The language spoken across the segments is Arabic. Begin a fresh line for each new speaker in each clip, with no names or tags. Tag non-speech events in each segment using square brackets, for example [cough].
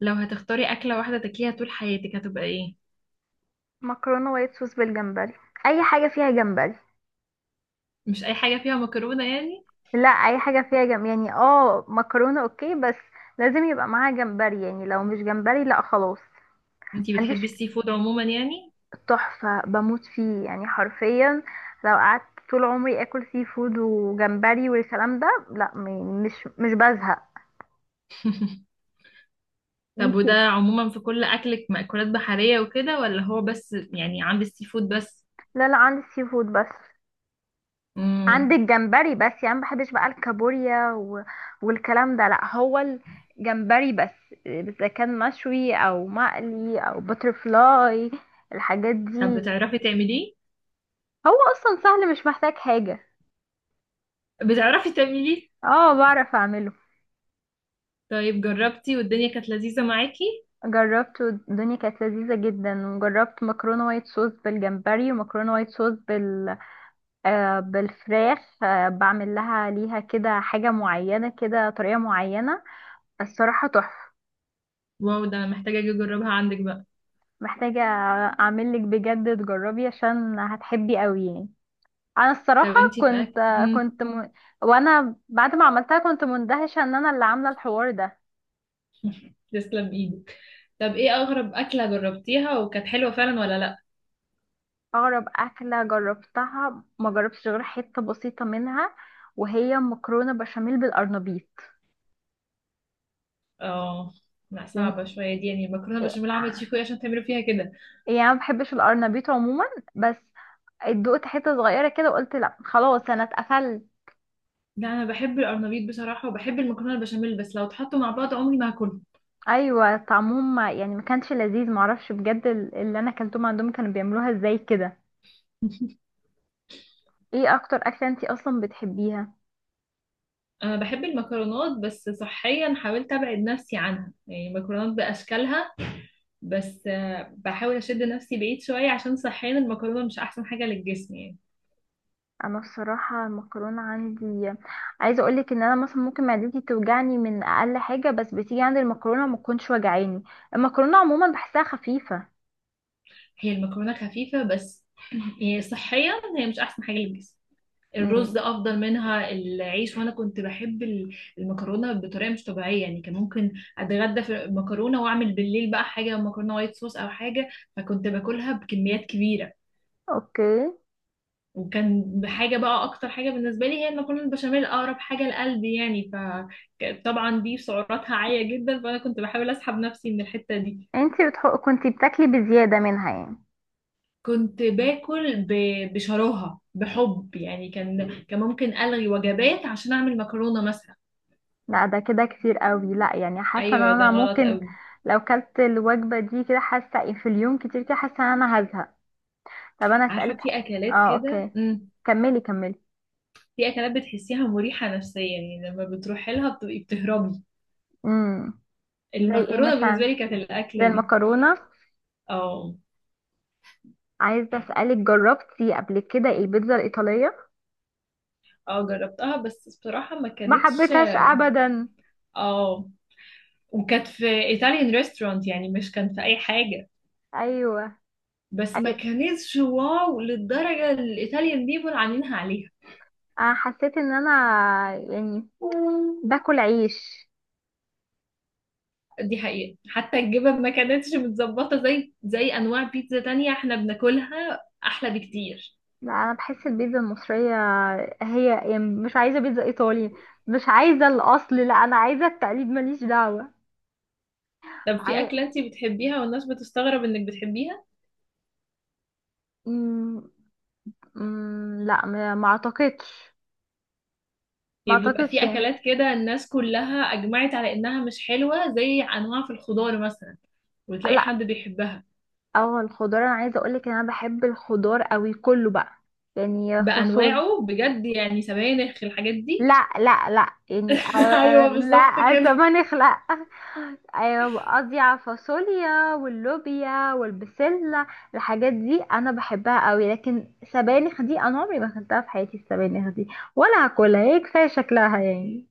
لو هتختاري أكلة واحدة تاكليها طول حياتك هتبقى ايه؟
مكرونه وايت صوص بالجمبري. اي حاجه فيها جمبري.
مش أي حاجة فيها مكرونة يعني؟
لا، اي حاجه فيها جمبري يعني. اه مكرونه اوكي، بس لازم يبقى معاها جمبري. يعني لو مش جمبري لا خلاص. ما
انتي
عنديش.
بتحبي السي فود عموما يعني؟
تحفه، بموت فيه يعني حرفيا. لو قعدت طول عمري اكل سي فود وجمبري والكلام ده، لا، مش بزهق.
[laughs] طب
انت.
وده عموما في كل أكلك مأكولات بحرية وكده ولا هو بس يعني عند السي فود بس؟
لا لا، عندي سي فود بس.
مم.
عندك جمبري بس يعني، ما بحبش بقى الكابوريا و... والكلام ده، لا، هو الجمبري بس، اذا كان مشوي او مقلي او بترفلاي، الحاجات
طب
دي.
بتعرفي تعمليه؟
هو اصلا سهل، مش محتاج حاجة.
بتعرفي تعمليه؟
اه، بعرف اعمله.
طيب جربتي والدنيا كانت لذيذة معاكي؟
جربته، الدنيا كانت لذيذة جدا، وجربت مكرونة وايت صوص بالجمبري، ومكرونة وايت صوص بال بالفراخ. بعمل ليها كده حاجة معينة كده، طريقة معينة. الصراحة تحفة.
واو، ده أنا محتاجة أجي أجربها عندك بقى.
محتاجة اعمل لك بجد، تجربي عشان هتحبي قوي يعني. انا
طب
الصراحة.
انتي في
كنت
أكل؟
كنت م... وانا بعد ما عملتها كنت مندهشة ان انا اللي عاملة الحوار ده.
تسلم ايدك. طب ايه أغرب أكلة جربتيها وكانت حلوة فعلا ولا لأ؟
اغرب اكلة جربتها ما جربتش غير حتة بسيطة منها، وهي مكرونة بشاميل بالارنبيط.
اه. لا
يعني
صعبة شوية دي، يعني مكرونة
إيه-
بشاميل عملت شيكو ايه عشان تعملوا فيها كده.
يعني انا ما بحبش الارنبيط عموما، بس دقت حتة صغيرة كده وقلت لا خلاص، انا اتقفلت.
لا انا بحب القرنبيط بصراحة وبحب المكرونة البشاميل، بس لو اتحطوا مع بعض عمري ما هاكلهم.
ايوه، طعمهم يعني ما كانش لذيذ. معرفش بجد اللي انا اكلتهم عندهم كانوا بيعملوها ازاي كده.
[laughs]
ايه اكتر اكله انتي اصلا بتحبيها؟
انا بحب المكرونات، بس صحيا حاولت ابعد نفسي عنها، يعني المكرونات باشكالها. بس آه، بحاول اشد نفسي بعيد شوية عشان صحيا المكرونة مش احسن حاجة للجسم يعني.
انا الصراحه المكرونه عندي، عايزه اقولك ان انا مثلا ممكن معدتي توجعني من اقل حاجه، بس بتيجي عند المكرونه ما تكونش وجعاني. المكرونه عموما بحسها خفيفه.
هي المكرونة خفيفة بس [clears throat] يعني صحيا هي مش احسن حاجة للجسم. الرز
امم.
افضل منها، العيش. وانا كنت بحب المكرونه بطريقه مش طبيعيه، يعني كان ممكن اتغدى في مكرونه واعمل بالليل بقى حاجه مكرونه وايت صوص او حاجه، فكنت باكلها بكميات كبيره.
اوكي.
وكان حاجه بقى، اكتر حاجه بالنسبه لي هي المكرونه البشاميل، اقرب حاجه لقلبي يعني. فطبعا دي سعراتها عاليه جدا، فانا كنت بحاول اسحب نفسي من الحته دي.
انتي بتحق كنتي بتاكلي بزياده منها يعني.
كنت باكل بشراهه بحب يعني، كان ممكن الغي وجبات عشان اعمل مكرونه مثلا.
لا، ده كده كتير قوي. لا يعني، حاسه ان
ايوه ده
انا
غلط
ممكن
قوي.
لو كلت الوجبه دي كده، حاسه إيه، في اليوم كتير كده، حاسه ان انا هزهق. طب انا
عارفة،
اسالك حاجه.
في أكلات
اه،
كده.
اوكي. كملي كملي.
في أكلات بتحسيها مريحة نفسيا، يعني لما بتروحي لها بتبقي بتهربي.
امم. زي ايه
المكرونة بالنسبة
مثلا؟
لي كانت
زي
الأكلة دي.
المكرونه.
اه.
عايزه اسالك، جربتي قبل كده البيتزا الايطاليه؟
اه جربتها بس بصراحة ما
ما
كانتش.
حبيتهاش ابدا.
اه. وكانت في إيطاليان ريستورانت يعني، مش كان في أي حاجة.
ايوه.
بس ما
أي-
كانتش واو للدرجة الإيطاليان بيبول عاملينها عليها.
انا حسيت ان انا يعني باكل عيش.
دي حقيقة، حتى الجبن ما كانتش متظبطة، زي أنواع بيتزا تانية احنا بناكلها أحلى بكتير.
لا، انا بحس البيتزا المصريه، هي يعني مش عايزه بيتزا ايطالي، مش عايزه الاصل، لا، انا عايزه التقليد، ماليش دعوه.
طب في
عاي...
أكلة انتي بتحبيها والناس بتستغرب إنك بتحبيها؟
مم... لا، ما اعتقدش. ما
يعني بيبقى
اعتقدش
في
يعني.
اكلات كده الناس كلها اجمعت على انها مش حلوه، زي انواع في الخضار مثلا، وتلاقي
لا.
حد بيحبها.
اه، الخضار انا عايزه اقولك ان انا بحب الخضار قوي كله بقى، يعني فاصوليا.
بانواعه بجد، يعني سبانخ الحاجات دي.
لا لا لا، يعني
[laughs] ايوه بالظبط
لا،
كده.
سبانخ لا. ايوه، قصدي على الفاصوليا واللوبيا والبسله، الحاجات دي انا بحبها قوي. لكن سبانخ دي انا عمري ما اكلتها في حياتي، السبانخ دي ولا هاكلها، هي كفايه شكلها يعني.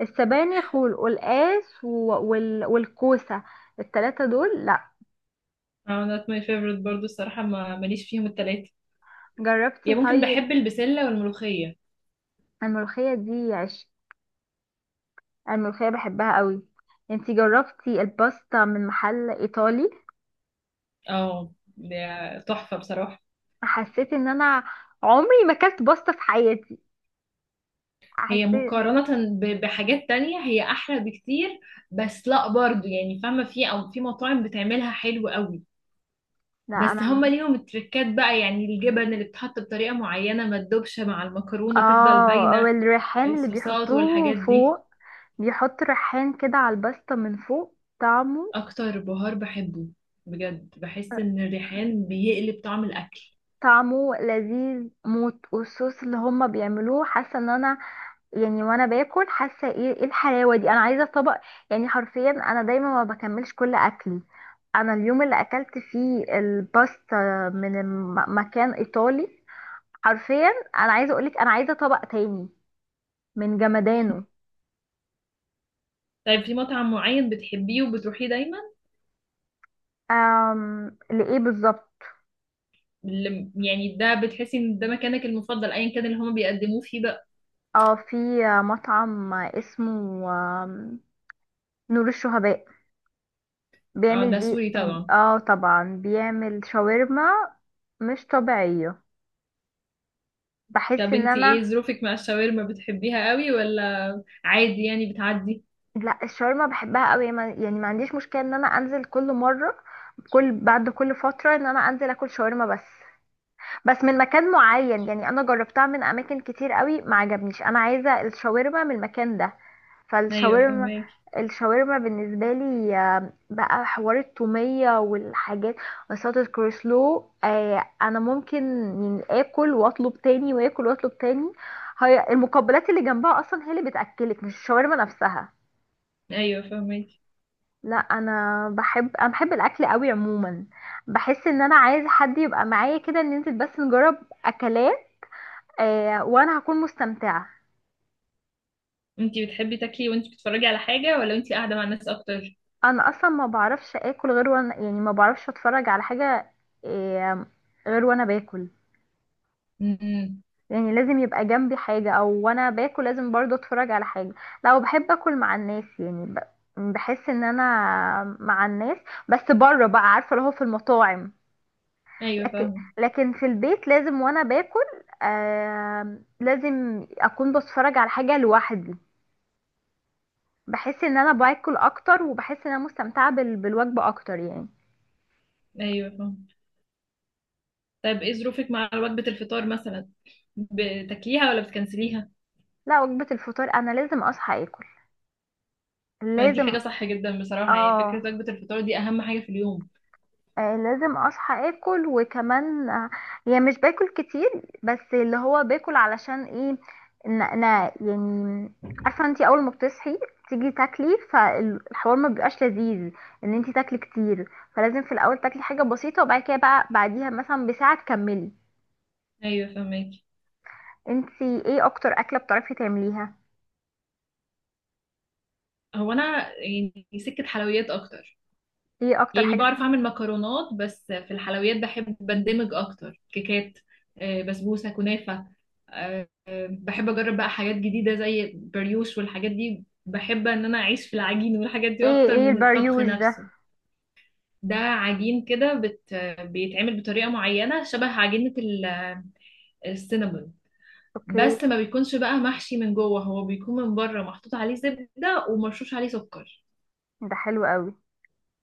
السبانخ والقلقاس والكوسه، التلاتة دول لا.
اه، not my favorite برضو الصراحه، ما ماليش فيهم التلاته.
جربتي
يعني ممكن
طيب.
بحب البسله والملوخيه.
الملوخية دي، أنا الملوخية بحبها قوي. انتي جربتي الباستا من محل ايطالي؟
اه، ده تحفه بصراحه.
حسيت ان انا عمري ما اكلت باستا في حياتي.
هي
حسيت.
مقارنة بحاجات تانية هي أحلى بكتير. بس لأ برضو، يعني فاهمة، في أو في مطاعم بتعملها حلو قوي.
لا
بس هما
انا.
ليهم التركات بقى، يعني الجبن اللي بتحط بطريقة معينة ما تدوبش مع المكرونة، تفضل
اه،
باينة.
والريحان اللي
الصوصات
بيحطوه
والحاجات دي
فوق، بيحط ريحان كده على الباستا من فوق، طعمه.
أكتر بهار بحبه. بجد بحس إن الريحان بيقلب طعم الأكل.
طعمه لذيذ موت، والصوص اللي هما بيعملوه، حاسه ان انا يعني وانا باكل، حاسه ايه الحلاوه دي، انا عايزه طبق. يعني حرفيا، انا دايما ما بكملش كل اكلي. انا اليوم اللي اكلت فيه الباستا من مكان ايطالي، حرفيا، انا عايزه اقولك انا عايزه طبق تاني من جمدانه.
طيب في مطعم معين بتحبيه وبتروحيه دايما؟
أم، لايه بالظبط.
يعني ده بتحسي إن ده مكانك المفضل أيا كان اللي هما بيقدموه فيه بقى.
اه، في مطعم اسمه آم، نور الشهباء.
اه
بيعمل
ده
بي.
سوري طبعا.
اه طبعا، بيعمل شاورما مش طبيعيه. بحس
طب
ان
انتي
انا.
ايه ظروفك مع الشاورما؟ بتحبيها قوي ولا عادي يعني بتعدي؟
لا، الشاورما بحبها قوي، يعني ما عنديش مشكله ان انا انزل كل مره، بعد كل فتره ان انا انزل اكل شاورما، بس من مكان معين يعني، انا جربتها من اماكن كتير قوي ما عجبنيش، انا عايزه الشاورما من المكان ده.
ايوه
فالشاورما،
فهماكي.
الشاورما بالنسبه لي، بقى حوار التوميه والحاجات، وصلة الكروسلو، انا ممكن يعني اكل واطلب تاني واكل واطلب تاني. هي المقبلات اللي جنبها اصلا هي اللي بتاكلك، مش الشاورما نفسها.
ايوه فهماكي.
لا، انا بحب الاكل قوي عموما. بحس ان انا عايزه حد يبقى معايا كده، ننزل بس نجرب اكلات، وانا هكون مستمتعه.
انتي بتحبي تاكلي وانتي بتتفرجي على حاجة، ولا انتي قاعدة مع الناس اكتر؟
انا اصلا ما بعرفش اكل غير وانا، يعني ما بعرفش اتفرج على حاجه. آه غير وانا باكل،
امم.
يعني لازم يبقى جنبي حاجه، او وانا باكل لازم برضو اتفرج على حاجه. لو بحب اكل مع الناس يعني بحس ان انا مع الناس، بس بره بقى، عارفه اللي هو في المطاعم.
ايوه
لكن
فاهمة.
لكن في البيت لازم وانا باكل، لازم اكون بتفرج على حاجه لوحدي. بحس ان انا باكل اكتر، وبحس ان انا مستمتعه بالوجبه اكتر يعني.
ايوه فاهمة. طيب ايه ظروفك مع وجبة الفطار مثلا؟ بتاكليها ولا بتكنسليها؟
لا، وجبه الفطار انا لازم اصحى اكل.
ما دي حاجة
لازم.
صح جدا بصراحة، يعني فكرة
اه،
وجبة الفطار دي اهم حاجة في اليوم.
لازم اصحى اكل. وكمان، يعني مش باكل كتير، بس اللي هو باكل علشان ايه؟ ان انا يعني، عارفه انتي اول ما بتصحي تيجي تاكلي، فالحوار ما بيبقاش لذيذ ان انتي تاكلي كتير، فلازم في الاول تاكلي حاجه بسيطه، وبعد كده بقى بعديها مثلا بساعه تكملي.
ايوه فاهماكي.
انتي ايه اكتر اكله بتعرفي تعمليها؟
هو انا يعني سكة حلويات اكتر.
ايه اكتر
يعني
حاجه؟
بعرف اعمل مكرونات، بس في الحلويات بحب بندمج اكتر. كيكات، آه، بسبوسة، كنافة، آه، بحب اجرب بقى حاجات جديده زي بريوش والحاجات دي. بحب ان انا اعيش في العجين والحاجات دي
ايه
اكتر
ايه
من الطبخ
البريوش ده؟
نفسه. ده عجين كده بيتعمل بطريقه معينه، شبه عجينه السينابون،
اوكي.
بس ما بيكونش بقى محشي من جوه، هو بيكون من بره محطوط عليه زبده ومرشوش عليه سكر.
ده حلو قوي.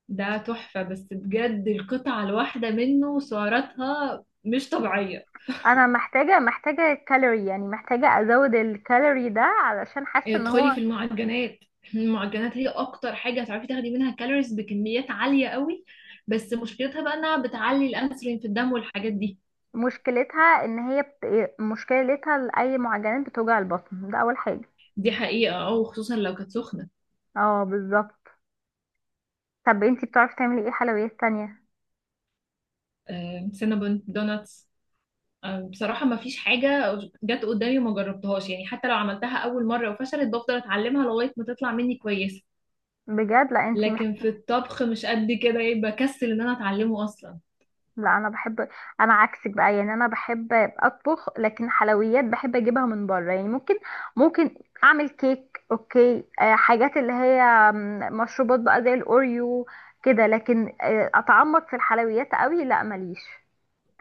ده تحفه، بس بجد القطعه الواحده منه سعراتها مش طبيعيه.
انا محتاجه، محتاجه كالوري يعني، محتاجه ازود الكالوري ده علشان حاسه ان
ادخلي في
هو.
المعجنات. المعجنات هي اكتر حاجه هتعرفي تاخدي منها كالوريز بكميات عاليه قوي، بس مشكلتها بقى انها بتعلي الانسولين في الدم والحاجات دي.
مشكلتها ان هي مشكلتها لاي معجنات بتوجع البطن، ده اول حاجه.
دي حقيقه، او خصوصا لو كانت سخنه.
اه بالظبط. طب انتي بتعرفي تعملي ايه حلويات تانية؟
آه، سينابون، دوناتس، آه، بصراحه ما فيش حاجه جت قدامي وما جربتهاش، يعني حتى لو عملتها اول مره وفشلت بفضل اتعلمها لغايه ما تطلع مني كويسه.
بجد. لا انتي.
لكن في الطبخ مش قد كده، يعني بكسل ان انا اتعلمه اصلا.
لا انا بحب. انا عكسك بقى، يعني انا بحب اطبخ، لكن حلويات بحب اجيبها من بره. يعني ممكن، ممكن اعمل كيك اوكي. حاجات اللي هي مشروبات بقى زي الاوريو كده. لكن اتعمق في الحلويات قوي لا، ماليش.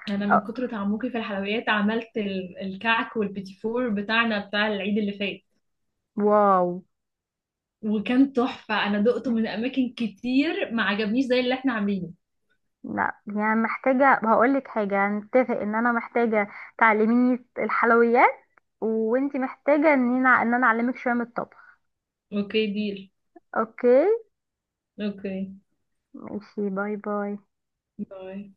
انا من
آه،
كتر تعمقي في الحلويات عملت الكعك والبيتي فور بتاعنا بتاع العيد اللي فات،
واو.
وكان تحفة. أنا دقته من أماكن كتير ما عجبنيش زي اللي احنا عاملينه.
لا يعني، محتاجة هقول لك حاجة، هنتفق ان انا محتاجة تعلميني الحلويات، وانتي محتاجة ان انا اعلمك شوية من الطبخ.
أوكي ديل.
اوكي.
أوكي.
ماشي، باي باي.
باي.